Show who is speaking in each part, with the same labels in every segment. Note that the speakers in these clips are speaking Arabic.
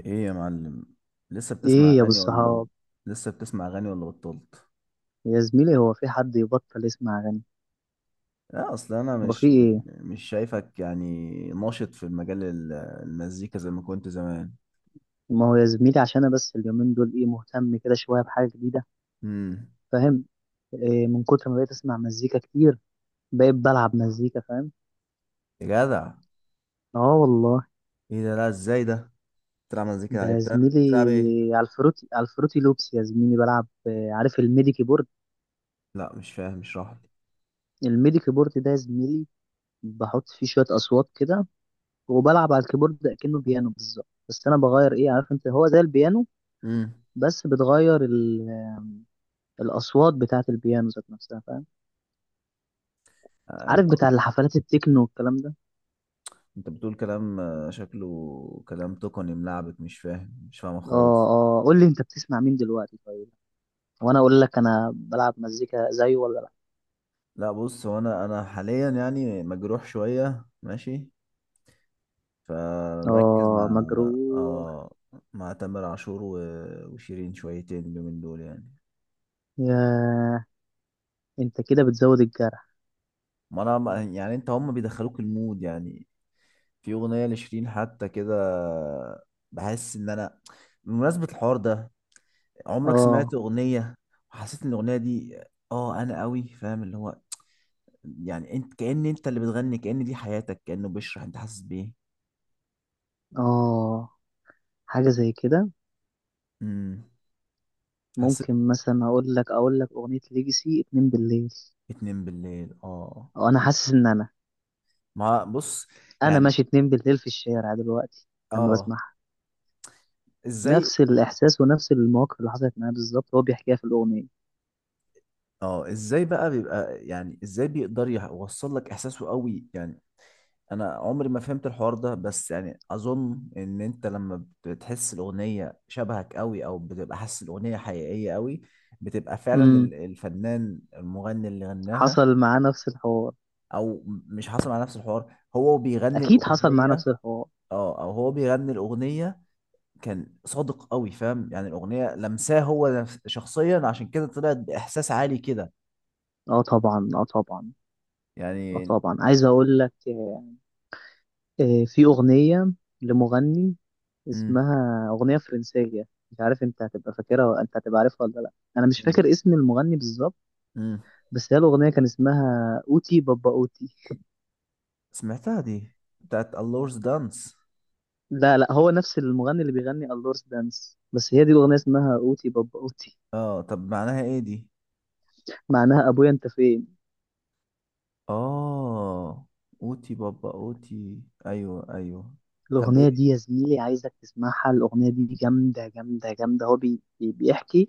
Speaker 1: ايه يا معلم؟ لسه بتسمع
Speaker 2: ايه يا ابو
Speaker 1: اغاني ولا
Speaker 2: الصحاب.
Speaker 1: لسه بتسمع اغاني ولا بطلت؟
Speaker 2: يا زميلي هو في حد يبطل يسمع اغاني؟
Speaker 1: اه، اصل انا
Speaker 2: هو في
Speaker 1: مش
Speaker 2: ايه؟
Speaker 1: مش شايفك يعني ناشط في المزيكا زي ما كنت زمان.
Speaker 2: ما هو يا زميلي عشان انا بس اليومين دول ايه مهتم كده شويه بحاجه جديده.
Speaker 1: امم
Speaker 2: فاهم إيه؟ من كتر ما بقيت اسمع مزيكا كتير بقيت بلعب مزيكا، فاهم.
Speaker 1: يا جدع،
Speaker 2: اه والله.
Speaker 1: ايه ده؟ لا، ازاي ده بتلعب مزيكا؟
Speaker 2: ده
Speaker 1: يعني
Speaker 2: يا
Speaker 1: بتلعب
Speaker 2: زميلي
Speaker 1: بتلعب ايه؟
Speaker 2: على الفروتي، لوبس يا زميلي، بلعب عارف الميدي كيبورد؟
Speaker 1: لا مش فاهم، اشرح لي.
Speaker 2: الميدي كيبورد ده يا زميلي بحط فيه شويه اصوات كده وبلعب على الكيبورد ده كأنه بيانو بالظبط، بس انا بغير ايه، عارف انت، هو زي البيانو
Speaker 1: امم
Speaker 2: بس بتغير الاصوات بتاعه البيانو ذات نفسها، فاهم؟
Speaker 1: آه انت،
Speaker 2: عارف بتاع الحفلات التكنو والكلام ده.
Speaker 1: انت بتقول كلام، شكله كلام تقني ملعبك، مش فاهمه
Speaker 2: اه،
Speaker 1: خالص.
Speaker 2: اه. قول لي انت بتسمع مين دلوقتي طيب، وانا اقول لك انا بلعب مزيكا زيه ولا لا.
Speaker 1: لا بص، هو انا حاليا يعني مجروح شويه، ماشي؟ فمركز مع
Speaker 2: اه، مجروح.
Speaker 1: مع تامر عاشور وشيرين شويتين اليومين دول يعني.
Speaker 2: يا، انت كده بتزود الجرح.
Speaker 1: ما انا يعني انت هم بيدخلوك المود يعني. في اغنيه لشيرين حتى كده، بحس ان انا، بمناسبه الحوار ده، عمرك سمعت
Speaker 2: اه،
Speaker 1: اغنيه وحسيت ان الاغنيه دي، اه انا قوي فاهم اللي هو، يعني انت كأن انت اللي بتغني، كأن دي حياتك، كأنه بيشرح انت حاسس بايه.
Speaker 2: اه، حاجه زي كده.
Speaker 1: امم حسيت
Speaker 2: ممكن مثلا اقول لك اغنيه ليجسي اتنين بالليل.
Speaker 1: اتنين بالليل؟ اه،
Speaker 2: اه، انا حاسس ان انا
Speaker 1: ما بص
Speaker 2: انا
Speaker 1: يعني.
Speaker 2: ماشي اتنين بالليل في الشارع دلوقتي لما
Speaker 1: اه،
Speaker 2: بسمعها.
Speaker 1: ازاي؟
Speaker 2: نفس الاحساس ونفس المواقف اللي حصلت معايا بالظبط هو بيحكيها في الاغنيه.
Speaker 1: اه ازاي بقى بيبقى يعني ازاي بيقدر يوصل لك احساسه قوي يعني؟ انا عمري ما فهمت الحوار ده، بس يعني اظن ان انت لما بتحس الاغنيه شبهك قوي، او بتبقى حاسس الاغنيه حقيقيه قوي، بتبقى فعلا الفنان المغني اللي غناها.
Speaker 2: حصل معاه نفس الحوار.
Speaker 1: او مش حاصل على نفس الحوار، هو بيغني
Speaker 2: اكيد حصل معاه
Speaker 1: الاغنيه.
Speaker 2: نفس الحوار.
Speaker 1: اه، او هو بيغني الاغنيه، كان صادق قوي، فاهم؟ يعني الاغنيه لمساه هو شخصيا، عشان كده طلعت باحساس عالي كده
Speaker 2: اه طبعا، اه طبعا. اه
Speaker 1: يعني.
Speaker 2: طبعا، عايز اقول لك، في اغنيه لمغني، اسمها اغنيه فرنسيه، مش عارف انت هتبقى انت هتبقى عارفها ولا لا. انا مش
Speaker 1: مم.
Speaker 2: فاكر اسم المغني بالظبط،
Speaker 1: امم.
Speaker 2: بس هي الاغنيه كان اسمها اوتي بابا اوتي.
Speaker 1: سمعتها دي، بتاعت اللورز دانس.
Speaker 2: لا لا، هو نفس المغني اللي بيغني اللورس دانس، بس هي دي الاغنيه اسمها اوتي بابا اوتي.
Speaker 1: اه طب معناها ايه دي؟
Speaker 2: معناها ابويا انت فين.
Speaker 1: اه، اوتي بابا اوتي، ايوه ايوه. طب
Speaker 2: الأغنية
Speaker 1: ايه؟
Speaker 2: دي يا زميلي عايزك تسمعها، الأغنية دي جامدة جامدة جامدة. بيحكي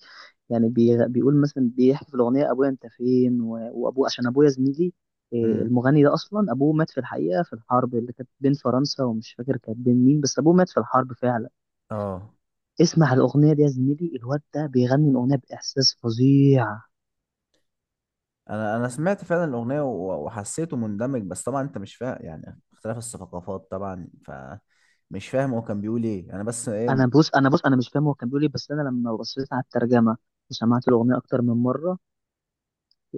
Speaker 2: يعني بيقول مثلا، بيحكي في الأغنية أبويا أنت فين، وأبوه عشان أبويا زميلي،
Speaker 1: امم.
Speaker 2: المغني ده أصلا أبوه مات في الحقيقة في الحرب اللي كانت بين فرنسا ومش فاكر كانت بين مين، بس أبوه مات في الحرب فعلا.
Speaker 1: اه
Speaker 2: اسمع الأغنية دي يا زميلي، الواد ده بيغني الأغنية بإحساس فظيع.
Speaker 1: انا، سمعت فعلا الاغنيه وحسيته مندمج، بس طبعا انت مش فاهم يعني اختلاف الثقافات طبعا، ف مش فاهم هو كان بيقول ايه انا، بس ايه.
Speaker 2: أنا بص، أنا مش فاهم هو كان بيقول إيه، بس أنا لما بصيت على الترجمة وسمعت الأغنية أكتر من مرة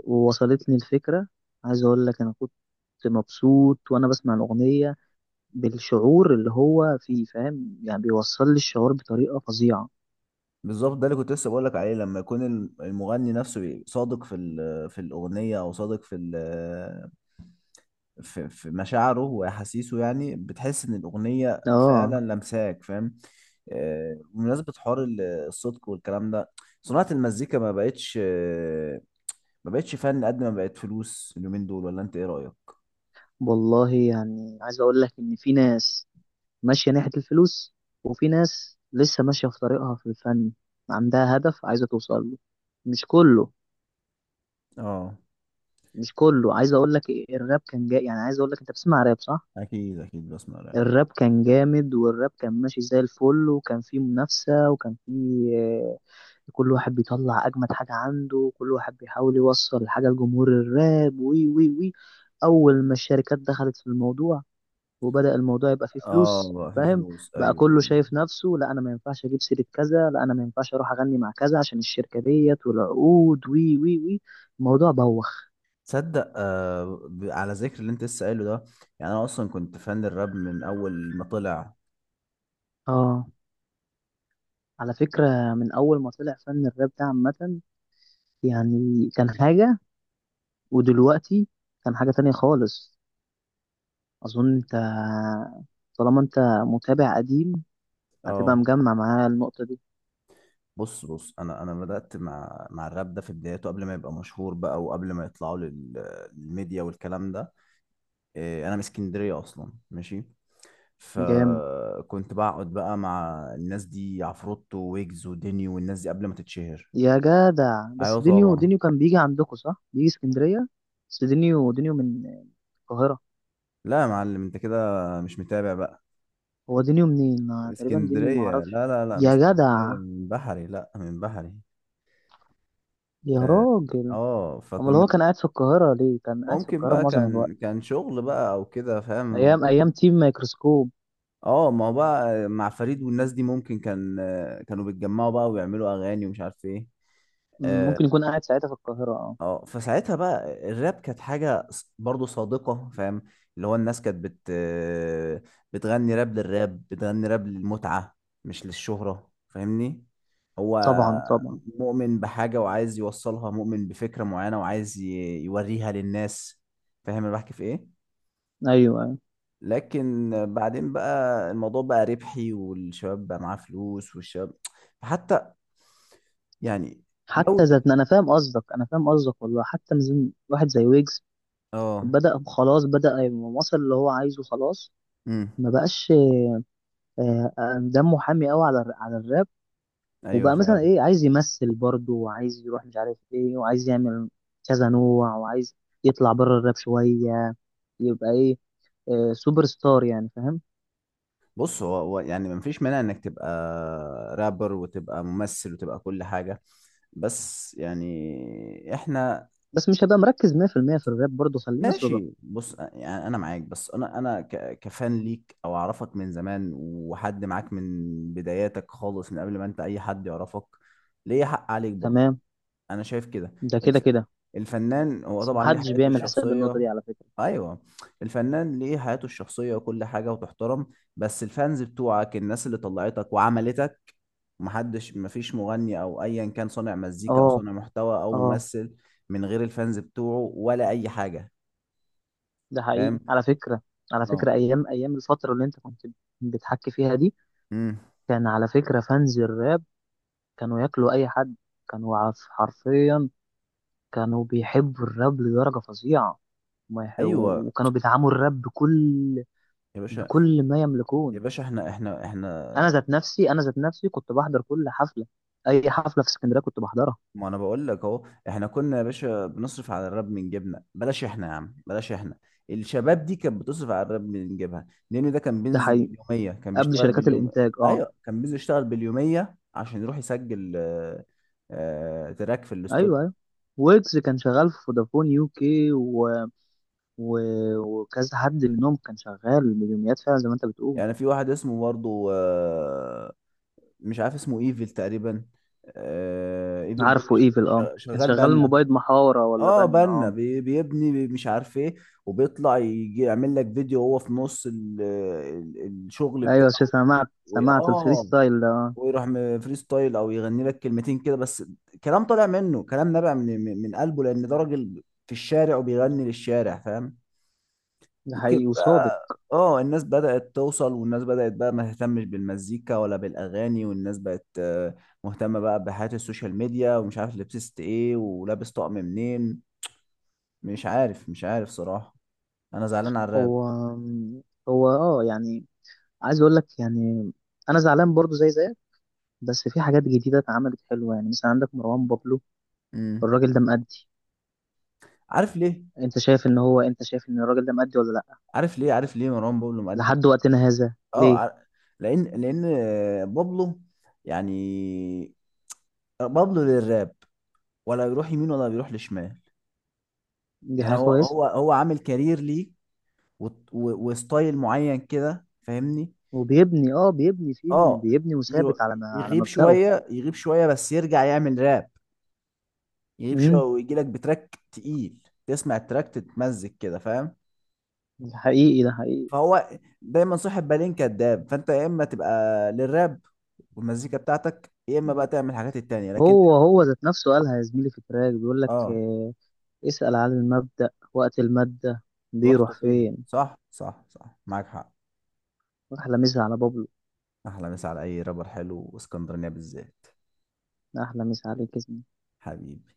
Speaker 2: ووصلتني الفكرة. عايز أقول لك أنا كنت مبسوط وأنا بسمع الأغنية بالشعور اللي هو فيه، فاهم يعني؟ بيوصل لي الشعور بطريقة فظيعة.
Speaker 1: بالظبط، ده اللي كنت لسه بقول لك عليه. لما يكون المغني نفسه صادق في في الاغنيه، او صادق في في مشاعره واحاسيسه، يعني بتحس ان الاغنيه فعلا
Speaker 2: آه
Speaker 1: لمساك، فاهم؟ آه، بمناسبه حوار الصدق والكلام ده، صناعه المزيكا ما بقتش ما بقتش فن قد ما بقت فلوس اليومين دول، ولا انت ايه رايك؟
Speaker 2: والله، يعني عايز أقول لك إن في ناس ماشية ناحية الفلوس، وفي ناس لسه ماشية في طريقها في الفن، عندها هدف عايزة توصل له. مش كله،
Speaker 1: اه،
Speaker 2: مش كله. عايز أقول لك الراب كان جاي، يعني عايز أقول لك، أنت بتسمع راب صح؟
Speaker 1: اكيد اكيد بسمع راب.
Speaker 2: الراب كان جامد والراب كان ماشي زي الفل، وكان فيه منافسة، وكان فيه كل واحد بيطلع اجمد حاجه عنده، كل واحد بيحاول يوصل حاجه لجمهور الراب، وي وي وي. اول ما الشركات دخلت في الموضوع وبدأ الموضوع يبقى فيه
Speaker 1: اه
Speaker 2: فلوس،
Speaker 1: بقى في
Speaker 2: فاهم؟
Speaker 1: فلوس،
Speaker 2: بقى
Speaker 1: ايوه
Speaker 2: كله
Speaker 1: ايوه.
Speaker 2: شايف نفسه، لا انا ما ينفعش اجيب سيره كذا، لا انا ما ينفعش اروح اغني مع كذا عشان الشركه ديت والعقود، وي وي وي. الموضوع بوخ.
Speaker 1: تصدق آه، على ذكر اللي انت لسه قايله ده، يعني انا اصلا كنت فان الراب من اول ما طلع.
Speaker 2: اه، على فكره من اول ما طلع فن الراب ده عامه يعني كان حاجه، ودلوقتي كان حاجه تانية خالص. اظن انت، طالما انت متابع قديم، هتبقى
Speaker 1: اه
Speaker 2: مجمع معايا النقطة دي.
Speaker 1: بص بص، انا بدات مع مع الراب ده في بدايته قبل ما يبقى مشهور بقى، وقبل ما يطلعوا للميديا والكلام ده. إيه، انا من اسكندريه اصلا، ماشي؟
Speaker 2: جامد
Speaker 1: فكنت بقعد بقى مع الناس دي، عفروتو ويجز وديني والناس دي قبل ما تتشهر.
Speaker 2: يا جدع.
Speaker 1: ايوه
Speaker 2: بس دينيو،
Speaker 1: طبعا.
Speaker 2: دينيو كان بيجي عندكم صح، بيجي اسكندرية؟ بس دينيو، دينيو من القاهرة.
Speaker 1: لا يا معلم، انت كده مش متابع بقى.
Speaker 2: هو دينيو منين؟ أنا تقريبا دينيو
Speaker 1: اسكندريه،
Speaker 2: معرفش.
Speaker 1: لا لا لا، من
Speaker 2: يا جدع،
Speaker 1: اسكندريه، من بحري، لا من بحري.
Speaker 2: يا
Speaker 1: اه.
Speaker 2: راجل.
Speaker 1: آه،
Speaker 2: امال هو
Speaker 1: فكنا.
Speaker 2: كان قاعد في القاهرة ليه؟ كان قاعد في
Speaker 1: ممكن
Speaker 2: القاهرة
Speaker 1: بقى
Speaker 2: معظم الوقت،
Speaker 1: كان كان شغل بقى او كده، فاهم
Speaker 2: ايام
Speaker 1: الموضوع.
Speaker 2: ايام تيم مايكروسكوب.
Speaker 1: اه، ما هو بقى مع فريد والناس دي، ممكن كان كانوا بيتجمعوا بقى ويعملوا اغاني ومش عارف ايه.
Speaker 2: مم،
Speaker 1: اه.
Speaker 2: ممكن يكون قاعد ساعتها في القاهرة، اه.
Speaker 1: آه، فساعتها بقى الراب كانت حاجة برضو صادقة، فاهم؟ اللي هو الناس كانت بتغني راب للراب، بتغني راب للمتعة، مش للشهرة، فاهمني؟ هو
Speaker 2: طبعا طبعا.
Speaker 1: مؤمن بحاجة وعايز يوصلها، مؤمن بفكرة معينة وعايز يوريها للناس، فاهم انا بحكي في ايه؟
Speaker 2: ايوه ايوه.
Speaker 1: لكن بعدين بقى الموضوع بقى ربحي، والشباب بقى معاه فلوس، والشباب حتى يعني
Speaker 2: حتى
Speaker 1: جودة.
Speaker 2: ذاتنا، انا فاهم قصدك، انا فاهم قصدك والله. حتى واحد زي ويجز
Speaker 1: اه.
Speaker 2: بدأ، خلاص بدأ يبقى، وصل اللي هو عايزه خلاص.
Speaker 1: امم.
Speaker 2: ما بقاش دمه حامي قوي على الراب.
Speaker 1: ايوه
Speaker 2: وبقى مثلا
Speaker 1: فعلا.
Speaker 2: ايه، عايز يمثل برضه، وعايز يروح مش عارف ايه، وعايز يعمل كذا نوع، وعايز يطلع بره الراب شوية يبقى ايه، سوبر ستار يعني، فاهم؟
Speaker 1: بص، هو يعني مفيش مانع انك تبقى رابر وتبقى ممثل وتبقى كل حاجة، بس يعني احنا،
Speaker 2: بس مش هبقى مركز 100% في المية في الراب برضه، خلينا صدق.
Speaker 1: ماشي، بص يعني انا معاك، بس انا انا كفان ليك او اعرفك من زمان وحد معاك من بداياتك خالص، من قبل ما انت اي حد يعرفك، ليه حق عليك برضه.
Speaker 2: تمام.
Speaker 1: انا شايف كده.
Speaker 2: ده كده
Speaker 1: الف...
Speaker 2: كده،
Speaker 1: الفنان هو
Speaker 2: بس
Speaker 1: طبعا ليه
Speaker 2: محدش
Speaker 1: حياته
Speaker 2: بيعمل حساب النقطة
Speaker 1: الشخصية.
Speaker 2: دي على فكرة.
Speaker 1: ايوه. الفنان ليه حياته الشخصية وكل حاجة وتحترم، بس الفانز بتوعك، الناس اللي طلعتك وعملتك، محدش، مفيش مغني او ايا كان صانع مزيكا او
Speaker 2: اه،
Speaker 1: صانع محتوى او
Speaker 2: اه،
Speaker 1: ممثل من غير الفانز بتوعه ولا اي حاجة،
Speaker 2: ده
Speaker 1: فاهم؟
Speaker 2: حقيقي على فكرة. على
Speaker 1: اه.
Speaker 2: فكرة ايام ايام الفترة اللي انت كنت بتحكي فيها دي،
Speaker 1: امم.
Speaker 2: كان على فكرة فانز الراب كانوا ياكلوا أي حد، حرفيا كانوا بيحبوا الراب لدرجة فظيعة، وما يح-
Speaker 1: ايوه.
Speaker 2: وكانوا بيدعموا الراب بكل،
Speaker 1: يا باشا.
Speaker 2: بكل ما
Speaker 1: يا
Speaker 2: يملكون.
Speaker 1: باشا، احنا احنا،
Speaker 2: أنا ذات نفسي كنت بحضر كل حفلة، أي حفلة في اسكندرية كنت بحضرها.
Speaker 1: ما انا بقول لك اهو، احنا كنا يا باشا بنصرف على الراب من جيبنا، بلاش احنا يا عم، بلاش احنا. الشباب دي كانت بتصرف على الراب من جيبها، لان ده كان
Speaker 2: ده
Speaker 1: بينزل
Speaker 2: حقيقي،
Speaker 1: باليوميه، كان
Speaker 2: قبل
Speaker 1: بيشتغل
Speaker 2: شركات
Speaker 1: باليوم.
Speaker 2: الإنتاج أه.
Speaker 1: ايوه كان بينزل يشتغل باليوميه عشان يروح يسجل آه، تراك في
Speaker 2: أيوه
Speaker 1: الاستوديو.
Speaker 2: أيوه، ويجز كان شغال في فودافون يو كي و... وكذا حد منهم كان شغال مليوميات فعلا زي ما أنت بتقول.
Speaker 1: يعني في واحد اسمه برضه آه، مش عارف اسمه ايفل تقريبا. آه، ايفل ده
Speaker 2: عارفه إيفل، أه كان
Speaker 1: شغال
Speaker 2: شغال
Speaker 1: بنا.
Speaker 2: موبايل محاورة ولا
Speaker 1: اه
Speaker 2: بنا،
Speaker 1: بنا،
Speaker 2: أه.
Speaker 1: بيبني، مش عارف ايه، وبيطلع يجي يعمل لك فيديو وهو في نص ال ال الشغل
Speaker 2: ايوه،
Speaker 1: بتاعه.
Speaker 2: شو سمعت، سمعت الفري
Speaker 1: اه،
Speaker 2: ستايل ده
Speaker 1: ويروح فري ستايل او يغني لك كلمتين كده بس، كلام طالع منه، كلام نابع من من قلبه، لان ده راجل في الشارع وبيغني للشارع، فاهم؟
Speaker 2: ده
Speaker 1: لكن
Speaker 2: حقيقي وصادق.
Speaker 1: بقى اه الناس بدأت توصل، والناس بدأت بقى ما تهتمش بالمزيكا ولا بالأغاني، والناس بقت آه، مهتمة بقى بحياة السوشيال ميديا ومش عارف لبست ايه ولابس طقم منين. مش عارف، مش عارف صراحة. انا زعلان على الراب.
Speaker 2: هو هو اه يعني، عايز اقول لك يعني، انا زعلان برضو زي زيك، بس في حاجات جديده اتعملت حلوه، يعني مثلا عندك مروان بابلو،
Speaker 1: امم.
Speaker 2: الراجل ده مأدي.
Speaker 1: عارف ليه
Speaker 2: انت شايف ان هو، انت شايف ان الراجل ده مأدي ولا لا؟
Speaker 1: عارف ليه مروان بابلو مأدي؟
Speaker 2: لحد وقتنا هذا
Speaker 1: اه
Speaker 2: ليه؟
Speaker 1: لان، لان آه، بابلو يعني بابلو للراب، ولا بيروح يمين ولا بيروح لشمال.
Speaker 2: دي
Speaker 1: يعني
Speaker 2: حاجه
Speaker 1: هو
Speaker 2: كويسه.
Speaker 1: هو هو عامل كارير ليه وستايل معين كده، فاهمني؟
Speaker 2: وبيبني، اه بيبني فيه،
Speaker 1: اه
Speaker 2: بيبني،
Speaker 1: يرو-
Speaker 2: وثابت على ما على
Speaker 1: يغيب
Speaker 2: مبدأه.
Speaker 1: شويه، يغيب شويه بس يرجع يعمل راب، يغيب شويه
Speaker 2: امم
Speaker 1: ويجي لك بتراك تقيل، تسمع التراك تتمزج كده، فاهم؟
Speaker 2: ده حقيقي، ده حقيقي.
Speaker 1: فهو دايما صاحب بالين كداب، فانت يا اما تبقى للراب والمزيكا بتاعتك، يا اما بقى تعمل الحاجات التانية، لكن
Speaker 2: هو هو ذات نفسه قالها يا زميلي في التراك، بيقول لك
Speaker 1: اه
Speaker 2: اسأل عن المبدأ وقت المادة
Speaker 1: رحت
Speaker 2: بيروح
Speaker 1: فين؟
Speaker 2: فين.
Speaker 1: صح صح صح، معاك حق.
Speaker 2: أحلى مسا على بابلو.
Speaker 1: احلى مسا على اي رابر حلو، واسكندرانية بالذات.
Speaker 2: أحلى مسا عليك اسمي.
Speaker 1: حبيبي.